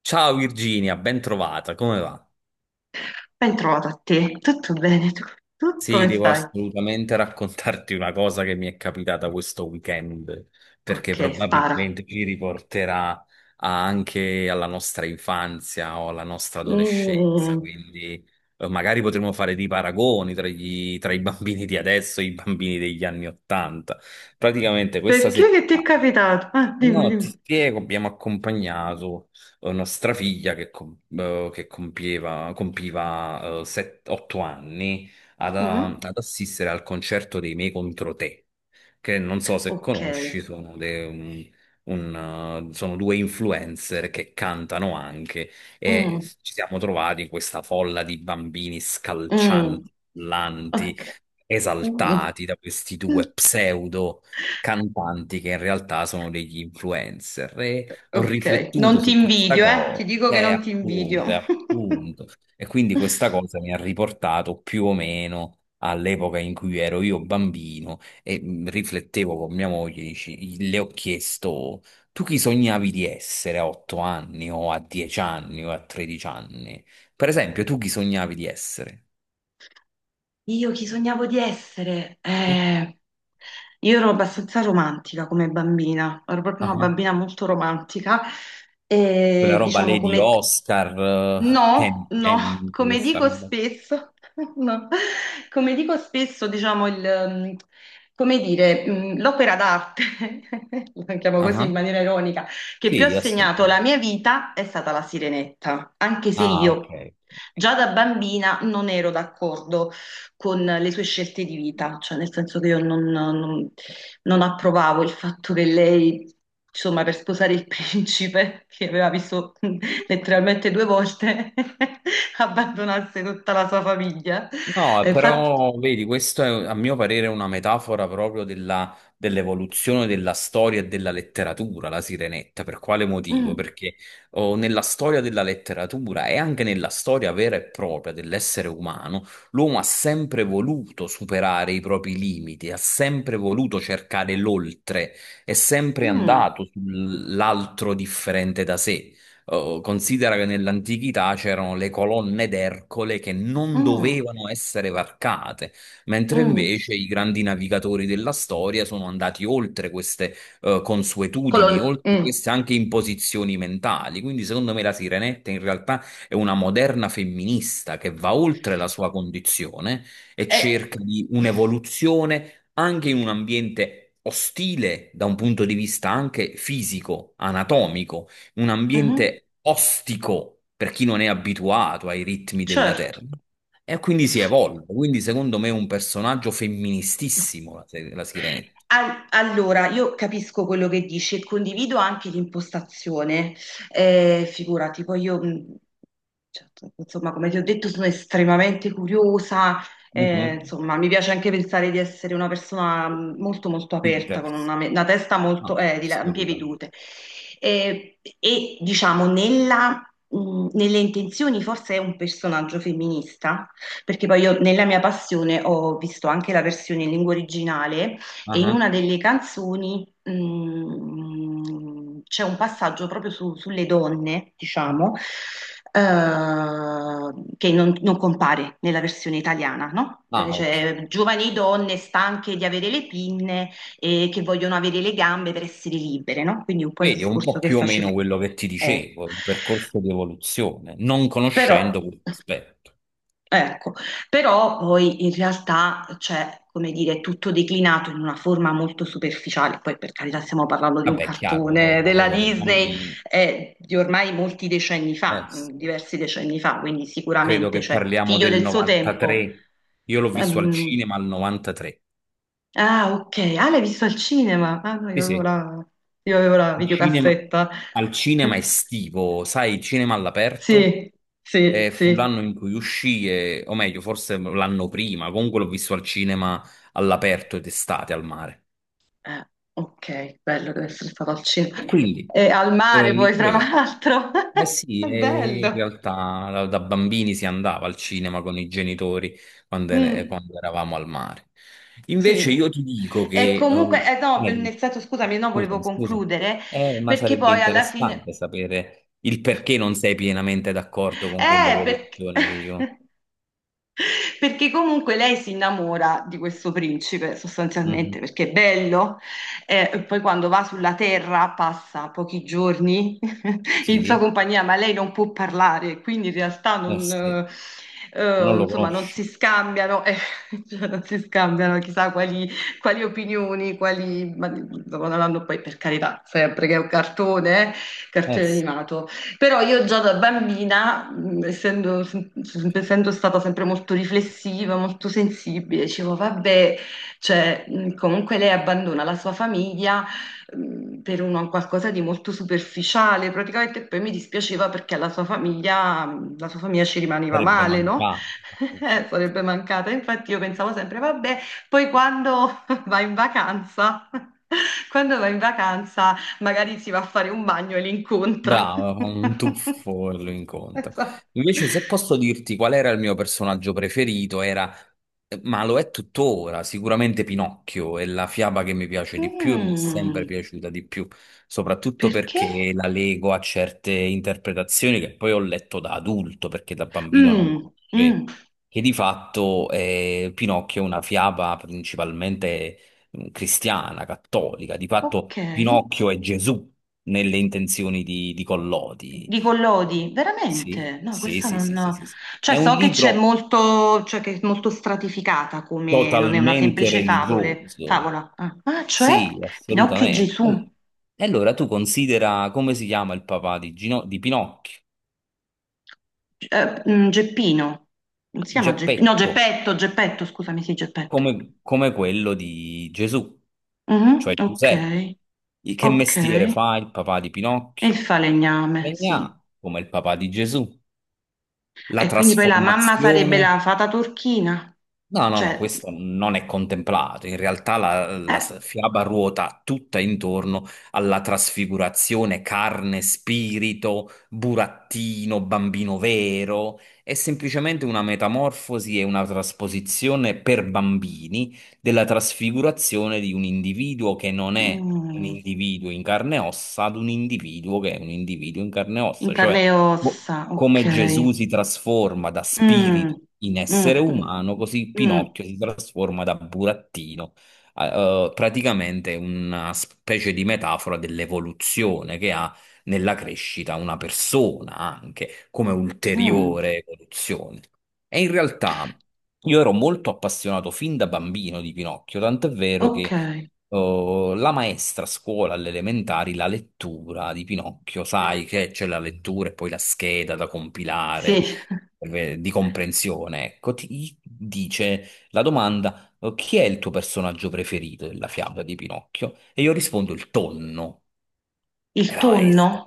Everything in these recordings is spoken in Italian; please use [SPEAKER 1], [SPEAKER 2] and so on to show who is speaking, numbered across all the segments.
[SPEAKER 1] Ciao Virginia, ben trovata, come va?
[SPEAKER 2] Ben trovata a te, tutto bene? Tu
[SPEAKER 1] Sì,
[SPEAKER 2] come
[SPEAKER 1] devo
[SPEAKER 2] stai?
[SPEAKER 1] assolutamente raccontarti una cosa che mi è capitata questo weekend, perché
[SPEAKER 2] Ok, spara.
[SPEAKER 1] probabilmente ci riporterà anche alla nostra infanzia o alla nostra adolescenza,
[SPEAKER 2] Mm,
[SPEAKER 1] quindi magari potremo fare dei paragoni tra, tra i bambini di adesso e i bambini degli anni Ottanta. Praticamente questa
[SPEAKER 2] Perché che ti è
[SPEAKER 1] settimana.
[SPEAKER 2] capitato? Ah,
[SPEAKER 1] Eh
[SPEAKER 2] dimmi,
[SPEAKER 1] no, ti
[SPEAKER 2] dimmi.
[SPEAKER 1] spiego, abbiamo accompagnato nostra figlia che, compiva 8 anni ad, eh,
[SPEAKER 2] Mhm.
[SPEAKER 1] ad assistere al concerto dei Me contro Te, che non so se
[SPEAKER 2] Ok.
[SPEAKER 1] conosci, sono, sono due influencer che cantano anche. E
[SPEAKER 2] Mm,
[SPEAKER 1] ci siamo trovati in questa folla di bambini
[SPEAKER 2] mm,
[SPEAKER 1] scalcianti,
[SPEAKER 2] Ok.
[SPEAKER 1] urlanti,
[SPEAKER 2] Mm,
[SPEAKER 1] esaltati da questi
[SPEAKER 2] mm.
[SPEAKER 1] due pseudo cantanti, che in realtà sono degli influencer, e ho
[SPEAKER 2] Ok,
[SPEAKER 1] riflettuto
[SPEAKER 2] non ti
[SPEAKER 1] su questa
[SPEAKER 2] invidio, eh? Ti
[SPEAKER 1] cosa,
[SPEAKER 2] dico che
[SPEAKER 1] e
[SPEAKER 2] non ti invidio.
[SPEAKER 1] appunto, e quindi questa cosa mi ha riportato più o meno all'epoca in cui ero io bambino e riflettevo con mia moglie, le ho chiesto, tu chi sognavi di essere a 8 anni o a 10 anni o a 13 anni? Per esempio, tu chi sognavi di essere?
[SPEAKER 2] Io chi sognavo di essere?
[SPEAKER 1] Sì.
[SPEAKER 2] Io ero abbastanza romantica come bambina, ero proprio una
[SPEAKER 1] Ah,
[SPEAKER 2] bambina molto romantica
[SPEAKER 1] quella
[SPEAKER 2] e
[SPEAKER 1] roba
[SPEAKER 2] diciamo
[SPEAKER 1] Lady Oscar,
[SPEAKER 2] No,
[SPEAKER 1] Ken
[SPEAKER 2] no,
[SPEAKER 1] Candy,
[SPEAKER 2] come
[SPEAKER 1] questa
[SPEAKER 2] dico
[SPEAKER 1] roba.
[SPEAKER 2] spesso, no. Come dico spesso, diciamo, come dire, l'opera d'arte, la chiamo
[SPEAKER 1] Ah,
[SPEAKER 2] così in
[SPEAKER 1] ah.
[SPEAKER 2] maniera ironica, che più ha
[SPEAKER 1] Sì,
[SPEAKER 2] segnato la
[SPEAKER 1] assolutamente.
[SPEAKER 2] mia vita è stata La Sirenetta, anche se
[SPEAKER 1] Ah, ok.
[SPEAKER 2] io già da bambina non ero d'accordo con le sue scelte di vita, cioè nel senso che io non, non- non approvavo il fatto che lei, insomma, per sposare il principe, che aveva visto letteralmente due volte, abbandonasse tutta la sua famiglia.
[SPEAKER 1] No,
[SPEAKER 2] E infatti.
[SPEAKER 1] però vedi, questo è a mio parere una metafora proprio dell'evoluzione della storia e della letteratura, la Sirenetta. Per quale motivo?
[SPEAKER 2] mm,
[SPEAKER 1] Perché oh, nella storia della letteratura e anche nella storia vera e propria dell'essere umano, l'uomo ha sempre voluto superare i propri limiti, ha sempre voluto cercare l'oltre, è sempre
[SPEAKER 2] mm,
[SPEAKER 1] andato sull'altro differente da sé. Oh, considera che nell'antichità c'erano le colonne d'Ercole che non
[SPEAKER 2] mm,
[SPEAKER 1] dovevano essere varcate, mentre
[SPEAKER 2] mm,
[SPEAKER 1] invece i grandi navigatori della storia sono andati oltre queste consuetudini,
[SPEAKER 2] colon-
[SPEAKER 1] oltre
[SPEAKER 2] mm,
[SPEAKER 1] queste anche imposizioni mentali. Quindi, secondo me, la Sirenetta in realtà è una moderna femminista che va oltre la sua condizione e
[SPEAKER 2] eh,
[SPEAKER 1] cerca di un'evoluzione anche in un ambiente ostile da un punto di vista anche fisico, anatomico, un
[SPEAKER 2] mhm,
[SPEAKER 1] ambiente ostico per chi non è abituato ai ritmi della
[SPEAKER 2] certo.
[SPEAKER 1] terra. E quindi si evolve. Quindi, secondo me, è un personaggio femministissimo la, se- la Sirenetta.
[SPEAKER 2] Allora, io capisco quello che dici e condivido anche l'impostazione. Figurati, cioè, insomma, come ti ho detto, sono estremamente curiosa. Eh,
[SPEAKER 1] Mhm.
[SPEAKER 2] insomma, mi piace anche pensare di essere una persona molto, molto aperta, con
[SPEAKER 1] Interessa.
[SPEAKER 2] una testa molto
[SPEAKER 1] Ah,
[SPEAKER 2] di ampie
[SPEAKER 1] assolutamente.
[SPEAKER 2] vedute. Eh, e diciamo, nella, Nelle intenzioni, forse è un personaggio femminista, perché poi io, nella mia passione, ho visto anche la versione in lingua originale e in una
[SPEAKER 1] Ah,
[SPEAKER 2] delle canzoni mm, c'è un passaggio sulle donne, diciamo, eh, che non compare nella versione italiana, no?
[SPEAKER 1] ah, ok.
[SPEAKER 2] Cioè, giovani donne stanche di avere le pinne e che vogliono avere le gambe per essere libere, no? Quindi un po' il
[SPEAKER 1] Vedi, è un
[SPEAKER 2] discorso
[SPEAKER 1] po'
[SPEAKER 2] che
[SPEAKER 1] più o
[SPEAKER 2] facevi.
[SPEAKER 1] meno quello che ti
[SPEAKER 2] Ecco.
[SPEAKER 1] dicevo, un percorso di evoluzione, non
[SPEAKER 2] Però
[SPEAKER 1] conoscendo questo aspetto.
[SPEAKER 2] ecco, però poi in realtà c'è, come dire, è tutto declinato in una forma molto superficiale, poi per carità stiamo parlando di un
[SPEAKER 1] Vabbè, è chiaro,
[SPEAKER 2] cartone
[SPEAKER 1] una
[SPEAKER 2] della
[SPEAKER 1] cosa per
[SPEAKER 2] Disney
[SPEAKER 1] bambini.
[SPEAKER 2] di ormai molti decenni fa,
[SPEAKER 1] Sì,
[SPEAKER 2] diversi decenni fa, quindi
[SPEAKER 1] credo
[SPEAKER 2] sicuramente
[SPEAKER 1] che
[SPEAKER 2] c'è
[SPEAKER 1] parliamo
[SPEAKER 2] figlio
[SPEAKER 1] del
[SPEAKER 2] del suo tempo.
[SPEAKER 1] 93. Io l'ho visto al
[SPEAKER 2] Ehm,
[SPEAKER 1] cinema al 93.
[SPEAKER 2] ah, ok, ah, l'hai visto al cinema? Ah, no,
[SPEAKER 1] Sì, sì.
[SPEAKER 2] io avevo la
[SPEAKER 1] Il cinema-
[SPEAKER 2] videocassetta.
[SPEAKER 1] Al cinema estivo, sai, il cinema all'aperto.
[SPEAKER 2] Sì, sì,
[SPEAKER 1] E fu
[SPEAKER 2] sì.
[SPEAKER 1] l'anno in cui uscì, o meglio, forse l'anno prima, comunque l'ho visto al cinema all'aperto d'estate al mare.
[SPEAKER 2] Eh, ok, bello deve essere stato al
[SPEAKER 1] E
[SPEAKER 2] cinema.
[SPEAKER 1] quindi
[SPEAKER 2] E al mare
[SPEAKER 1] mi
[SPEAKER 2] poi, tra
[SPEAKER 1] chiedo,
[SPEAKER 2] l'altro.
[SPEAKER 1] eh sì,
[SPEAKER 2] È
[SPEAKER 1] e in
[SPEAKER 2] bello.
[SPEAKER 1] realtà da bambini si andava al cinema con i genitori quando,
[SPEAKER 2] Mm,
[SPEAKER 1] quando eravamo al mare. Invece
[SPEAKER 2] sì.
[SPEAKER 1] io ti dico
[SPEAKER 2] E
[SPEAKER 1] che...
[SPEAKER 2] comunque, no,
[SPEAKER 1] eh,
[SPEAKER 2] nel senso, scusami, no, volevo
[SPEAKER 1] scusami, scusami.
[SPEAKER 2] concludere,
[SPEAKER 1] Ma
[SPEAKER 2] perché
[SPEAKER 1] sarebbe
[SPEAKER 2] poi alla fine...
[SPEAKER 1] interessante sapere il perché non sei pienamente d'accordo con
[SPEAKER 2] Perché...
[SPEAKER 1] quell'evoluzione che io...
[SPEAKER 2] perché comunque lei si innamora di questo principe sostanzialmente
[SPEAKER 1] Mhm.
[SPEAKER 2] perché è bello, e poi quando va sulla terra passa pochi giorni in sua
[SPEAKER 1] Sì,
[SPEAKER 2] compagnia, ma lei non può parlare, quindi in realtà
[SPEAKER 1] eh
[SPEAKER 2] non,
[SPEAKER 1] sì, non lo
[SPEAKER 2] insomma, non si
[SPEAKER 1] conosci.
[SPEAKER 2] scambiano, cioè non si scambiano chissà quali opinioni, quali, ma, insomma, non hanno poi per carità, sempre che è un cartone,
[SPEAKER 1] Eh
[SPEAKER 2] cartone
[SPEAKER 1] sì,
[SPEAKER 2] animato. Però io già da bambina, essendo, essendo stata sempre molto riflessiva, molto sensibile, dicevo, vabbè, cioè, comunque lei abbandona la sua famiglia, per qualcosa di molto superficiale, praticamente e poi mi dispiaceva perché alla sua famiglia, la sua famiglia ci rimaneva
[SPEAKER 1] sarebbe
[SPEAKER 2] male, no?
[SPEAKER 1] mancato.
[SPEAKER 2] Sarebbe mancata. Infatti io pensavo sempre, vabbè, poi quando va in vacanza, quando va in vacanza magari si va a fare un bagno e li incontra.
[SPEAKER 1] Brava, fa un tuffo e lo incontra.
[SPEAKER 2] Esatto.
[SPEAKER 1] Invece, se posso dirti qual era il mio personaggio preferito, era, ma lo è tuttora, sicuramente Pinocchio, è la fiaba che mi piace di più e mi è sempre
[SPEAKER 2] Mm,
[SPEAKER 1] piaciuta di più, soprattutto
[SPEAKER 2] perché?
[SPEAKER 1] perché la lego a certe interpretazioni che poi ho letto da adulto, perché da bambino non
[SPEAKER 2] Mm,
[SPEAKER 1] conoscevo,
[SPEAKER 2] mm,
[SPEAKER 1] che di fatto Pinocchio è una fiaba principalmente cristiana, cattolica. Di
[SPEAKER 2] ok.
[SPEAKER 1] fatto Pinocchio è Gesù nelle intenzioni di Collodi.
[SPEAKER 2] Di
[SPEAKER 1] Eh,
[SPEAKER 2] Collodi,
[SPEAKER 1] Sì,
[SPEAKER 2] veramente? No,
[SPEAKER 1] sì,
[SPEAKER 2] questa
[SPEAKER 1] sì,
[SPEAKER 2] non...
[SPEAKER 1] sì, sì,
[SPEAKER 2] no.
[SPEAKER 1] sì, sì.
[SPEAKER 2] Cioè,
[SPEAKER 1] È un
[SPEAKER 2] so che c'è
[SPEAKER 1] libro
[SPEAKER 2] molto, cioè che è molto stratificata come... non è una
[SPEAKER 1] totalmente
[SPEAKER 2] semplice
[SPEAKER 1] religioso.
[SPEAKER 2] favola. Ah, ah, cioè?
[SPEAKER 1] Sì,
[SPEAKER 2] Pinocchio e
[SPEAKER 1] assolutamente.
[SPEAKER 2] Gesù.
[SPEAKER 1] E allora tu considera come si chiama il papà di Pinocchio:
[SPEAKER 2] Geppino. Non si chiama Geppino. No,
[SPEAKER 1] Geppetto,
[SPEAKER 2] Geppetto, scusami, sì, Geppetto.
[SPEAKER 1] come come quello di Gesù,
[SPEAKER 2] Mhm,
[SPEAKER 1] cioè
[SPEAKER 2] ok.
[SPEAKER 1] Giuseppe. Che
[SPEAKER 2] Ok,
[SPEAKER 1] mestiere
[SPEAKER 2] e
[SPEAKER 1] fa il papà di Pinocchio?
[SPEAKER 2] il falegname, sì.
[SPEAKER 1] Legnà, come il papà di Gesù. La
[SPEAKER 2] E quindi poi la mamma sarebbe la
[SPEAKER 1] trasformazione.
[SPEAKER 2] fata turchina,
[SPEAKER 1] No, no, no,
[SPEAKER 2] cioè,
[SPEAKER 1] questo non è contemplato. In realtà la, la
[SPEAKER 2] eh,
[SPEAKER 1] s- fiaba ruota tutta intorno alla trasfigurazione: carne, spirito, burattino, bambino vero. È semplicemente una metamorfosi e una trasposizione per bambini della trasfigurazione di un individuo che non è un
[SPEAKER 2] mm,
[SPEAKER 1] individuo in carne e ossa ad un individuo che è un individuo in carne e
[SPEAKER 2] in
[SPEAKER 1] ossa,
[SPEAKER 2] carne e
[SPEAKER 1] cioè co-
[SPEAKER 2] ossa,
[SPEAKER 1] come Gesù
[SPEAKER 2] ok.
[SPEAKER 1] si trasforma da
[SPEAKER 2] Mm,
[SPEAKER 1] spirito in essere
[SPEAKER 2] mm, mm,
[SPEAKER 1] umano, così
[SPEAKER 2] mm,
[SPEAKER 1] Pinocchio si trasforma da burattino. Praticamente è una specie di metafora dell'evoluzione che ha nella crescita una persona anche come
[SPEAKER 2] mm,
[SPEAKER 1] ulteriore evoluzione. E in realtà io ero molto appassionato fin da bambino di Pinocchio, tant'è vero che
[SPEAKER 2] ok,
[SPEAKER 1] la maestra a scuola alle elementari, la lettura di Pinocchio, sai che c'è la lettura e poi la scheda da
[SPEAKER 2] sì,
[SPEAKER 1] compilare di comprensione, ecco, ti dice la domanda: chi è il tuo personaggio preferito della fiaba di Pinocchio? E io rispondo il tonno. E
[SPEAKER 2] il
[SPEAKER 1] la
[SPEAKER 2] tonno.
[SPEAKER 1] maestra,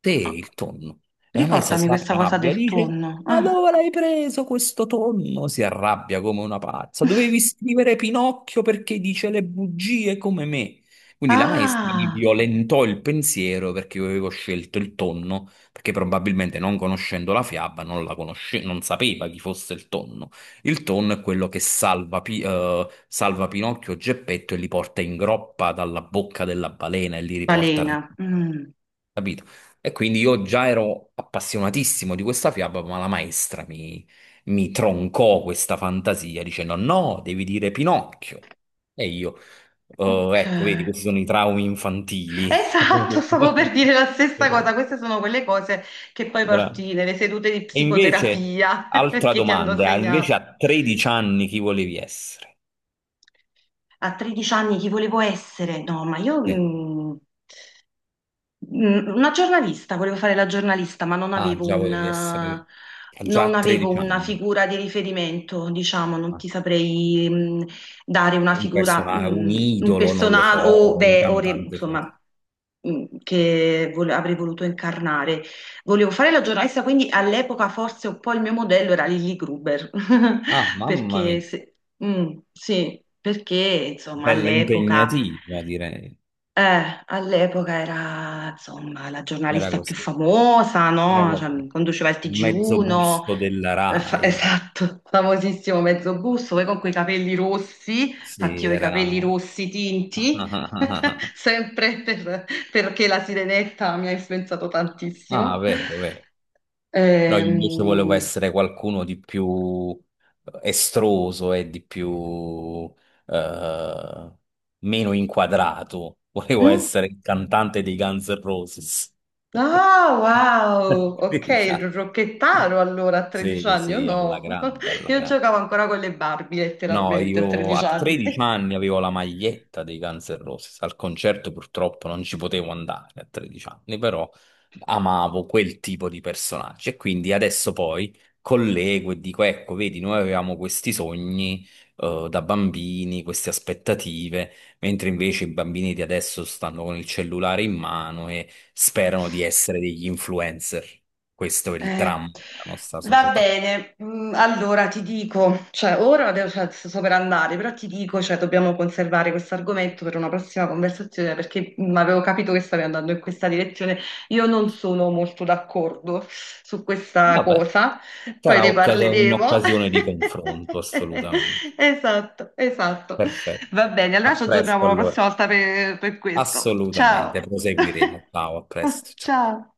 [SPEAKER 1] te il tonno. E la maestra
[SPEAKER 2] Ricordami
[SPEAKER 1] si
[SPEAKER 2] questa cosa
[SPEAKER 1] arrabbia,
[SPEAKER 2] del
[SPEAKER 1] dice,
[SPEAKER 2] tonno.
[SPEAKER 1] ma
[SPEAKER 2] Ah,
[SPEAKER 1] dove l'hai preso questo tonno? Si arrabbia come una pazza. Dovevi scrivere Pinocchio perché dice le bugie come me. Quindi la maestra mi
[SPEAKER 2] ah,
[SPEAKER 1] violentò il pensiero perché io avevo scelto il tonno, perché probabilmente non conoscendo la fiaba non la conosce- non sapeva chi fosse il tonno. Il tonno è quello che salva, salva Pinocchio e Geppetto e li porta in groppa dalla bocca della balena e li riporta,
[SPEAKER 2] balena.
[SPEAKER 1] capito? E quindi io già ero appassionatissimo di questa fiaba, ma la maestra mi troncò questa fantasia dicendo: no, devi dire Pinocchio. E io, "Oh,
[SPEAKER 2] Ok.
[SPEAKER 1] ecco, vedi, questi sono i traumi infantili."
[SPEAKER 2] Esatto, stavo per dire la stessa cosa. Queste sono quelle cose che poi
[SPEAKER 1] Bravo.
[SPEAKER 2] porti nelle sedute di
[SPEAKER 1] E invece,
[SPEAKER 2] psicoterapia
[SPEAKER 1] altra
[SPEAKER 2] perché ti hanno
[SPEAKER 1] domanda, invece
[SPEAKER 2] segnato.
[SPEAKER 1] a 13 anni chi volevi essere?
[SPEAKER 2] A 13 anni chi volevo essere? No, ma io.
[SPEAKER 1] Sì.
[SPEAKER 2] Una giornalista, volevo fare la giornalista, ma non
[SPEAKER 1] Ah,
[SPEAKER 2] avevo
[SPEAKER 1] già volevi essere, già
[SPEAKER 2] non
[SPEAKER 1] a
[SPEAKER 2] avevo
[SPEAKER 1] 13
[SPEAKER 2] una
[SPEAKER 1] anni.
[SPEAKER 2] figura di riferimento, diciamo, non
[SPEAKER 1] Ah,
[SPEAKER 2] ti saprei mm, dare una
[SPEAKER 1] un
[SPEAKER 2] figura,
[SPEAKER 1] personaggio, un
[SPEAKER 2] mm, un
[SPEAKER 1] idolo, non lo
[SPEAKER 2] personaggio o,
[SPEAKER 1] so, un
[SPEAKER 2] beh, o re-
[SPEAKER 1] cantante.
[SPEAKER 2] insomma, mm, che avrei voluto incarnare. Volevo fare la giornalista, quindi all'epoca forse un po' il mio modello era Lily Gruber,
[SPEAKER 1] Ah, mamma
[SPEAKER 2] perché
[SPEAKER 1] mia,
[SPEAKER 2] se- mm, sì, perché insomma
[SPEAKER 1] bella
[SPEAKER 2] all'epoca.
[SPEAKER 1] impegnativa, direi.
[SPEAKER 2] All'epoca era, insomma, la
[SPEAKER 1] Era
[SPEAKER 2] giornalista più
[SPEAKER 1] così.
[SPEAKER 2] famosa, no?
[SPEAKER 1] Vabbè.
[SPEAKER 2] Cioè, conduceva il
[SPEAKER 1] Mezzo
[SPEAKER 2] TG1,
[SPEAKER 1] busto della Rai.
[SPEAKER 2] esatto, famosissimo Mezzobusto, poi con quei capelli rossi,
[SPEAKER 1] Sì,
[SPEAKER 2] infatti io ho i capelli
[SPEAKER 1] era...
[SPEAKER 2] rossi tinti, sempre per- perché la sirenetta mi ha influenzato
[SPEAKER 1] Ah,
[SPEAKER 2] tantissimo.
[SPEAKER 1] vero, vero. No, io invece volevo
[SPEAKER 2] Ehm,
[SPEAKER 1] essere qualcuno di più estroso e di più eh, meno inquadrato. Volevo
[SPEAKER 2] mm?
[SPEAKER 1] essere il cantante dei Guns N' Roses.
[SPEAKER 2] Ah, wow! Ok, il
[SPEAKER 1] Diciamo.
[SPEAKER 2] rocchettaro allora a 13
[SPEAKER 1] Sì,
[SPEAKER 2] anni, o
[SPEAKER 1] sì, alla
[SPEAKER 2] no?
[SPEAKER 1] grande, alla
[SPEAKER 2] Io
[SPEAKER 1] grande.
[SPEAKER 2] giocavo ancora con le Barbie
[SPEAKER 1] No,
[SPEAKER 2] letteralmente a
[SPEAKER 1] io
[SPEAKER 2] 13
[SPEAKER 1] a
[SPEAKER 2] anni.
[SPEAKER 1] 13 anni avevo la maglietta dei Guns N' Roses, al concerto purtroppo non ci potevo andare a 13 anni, però amavo quel tipo di personaggi e quindi adesso poi collego e dico, ecco, vedi, noi avevamo questi sogni da bambini, queste aspettative, mentre invece i bambini di adesso stanno con il cellulare in mano e sperano di essere degli influencer. Questo è il
[SPEAKER 2] Eh,
[SPEAKER 1] dramma della nostra
[SPEAKER 2] va
[SPEAKER 1] società.
[SPEAKER 2] bene, mm, allora ti dico, cioè ora adesso cioè, sto per andare, però ti dico, cioè, dobbiamo conservare questo argomento per una prossima conversazione perché mm, avevo capito che stavi andando in questa direzione. Io non sono molto d'accordo su questa
[SPEAKER 1] Vabbè.
[SPEAKER 2] cosa, poi
[SPEAKER 1] Sarà
[SPEAKER 2] ne parleremo.
[SPEAKER 1] un'occasione di confronto, assolutamente.
[SPEAKER 2] Esatto, esatto. Va
[SPEAKER 1] Perfetto.
[SPEAKER 2] bene, allora
[SPEAKER 1] A
[SPEAKER 2] ci aggiorniamo
[SPEAKER 1] presto
[SPEAKER 2] la
[SPEAKER 1] allora.
[SPEAKER 2] prossima volta per questo. Ciao.
[SPEAKER 1] Assolutamente, proseguiremo. Ciao, a presto. Ciao.
[SPEAKER 2] Ciao.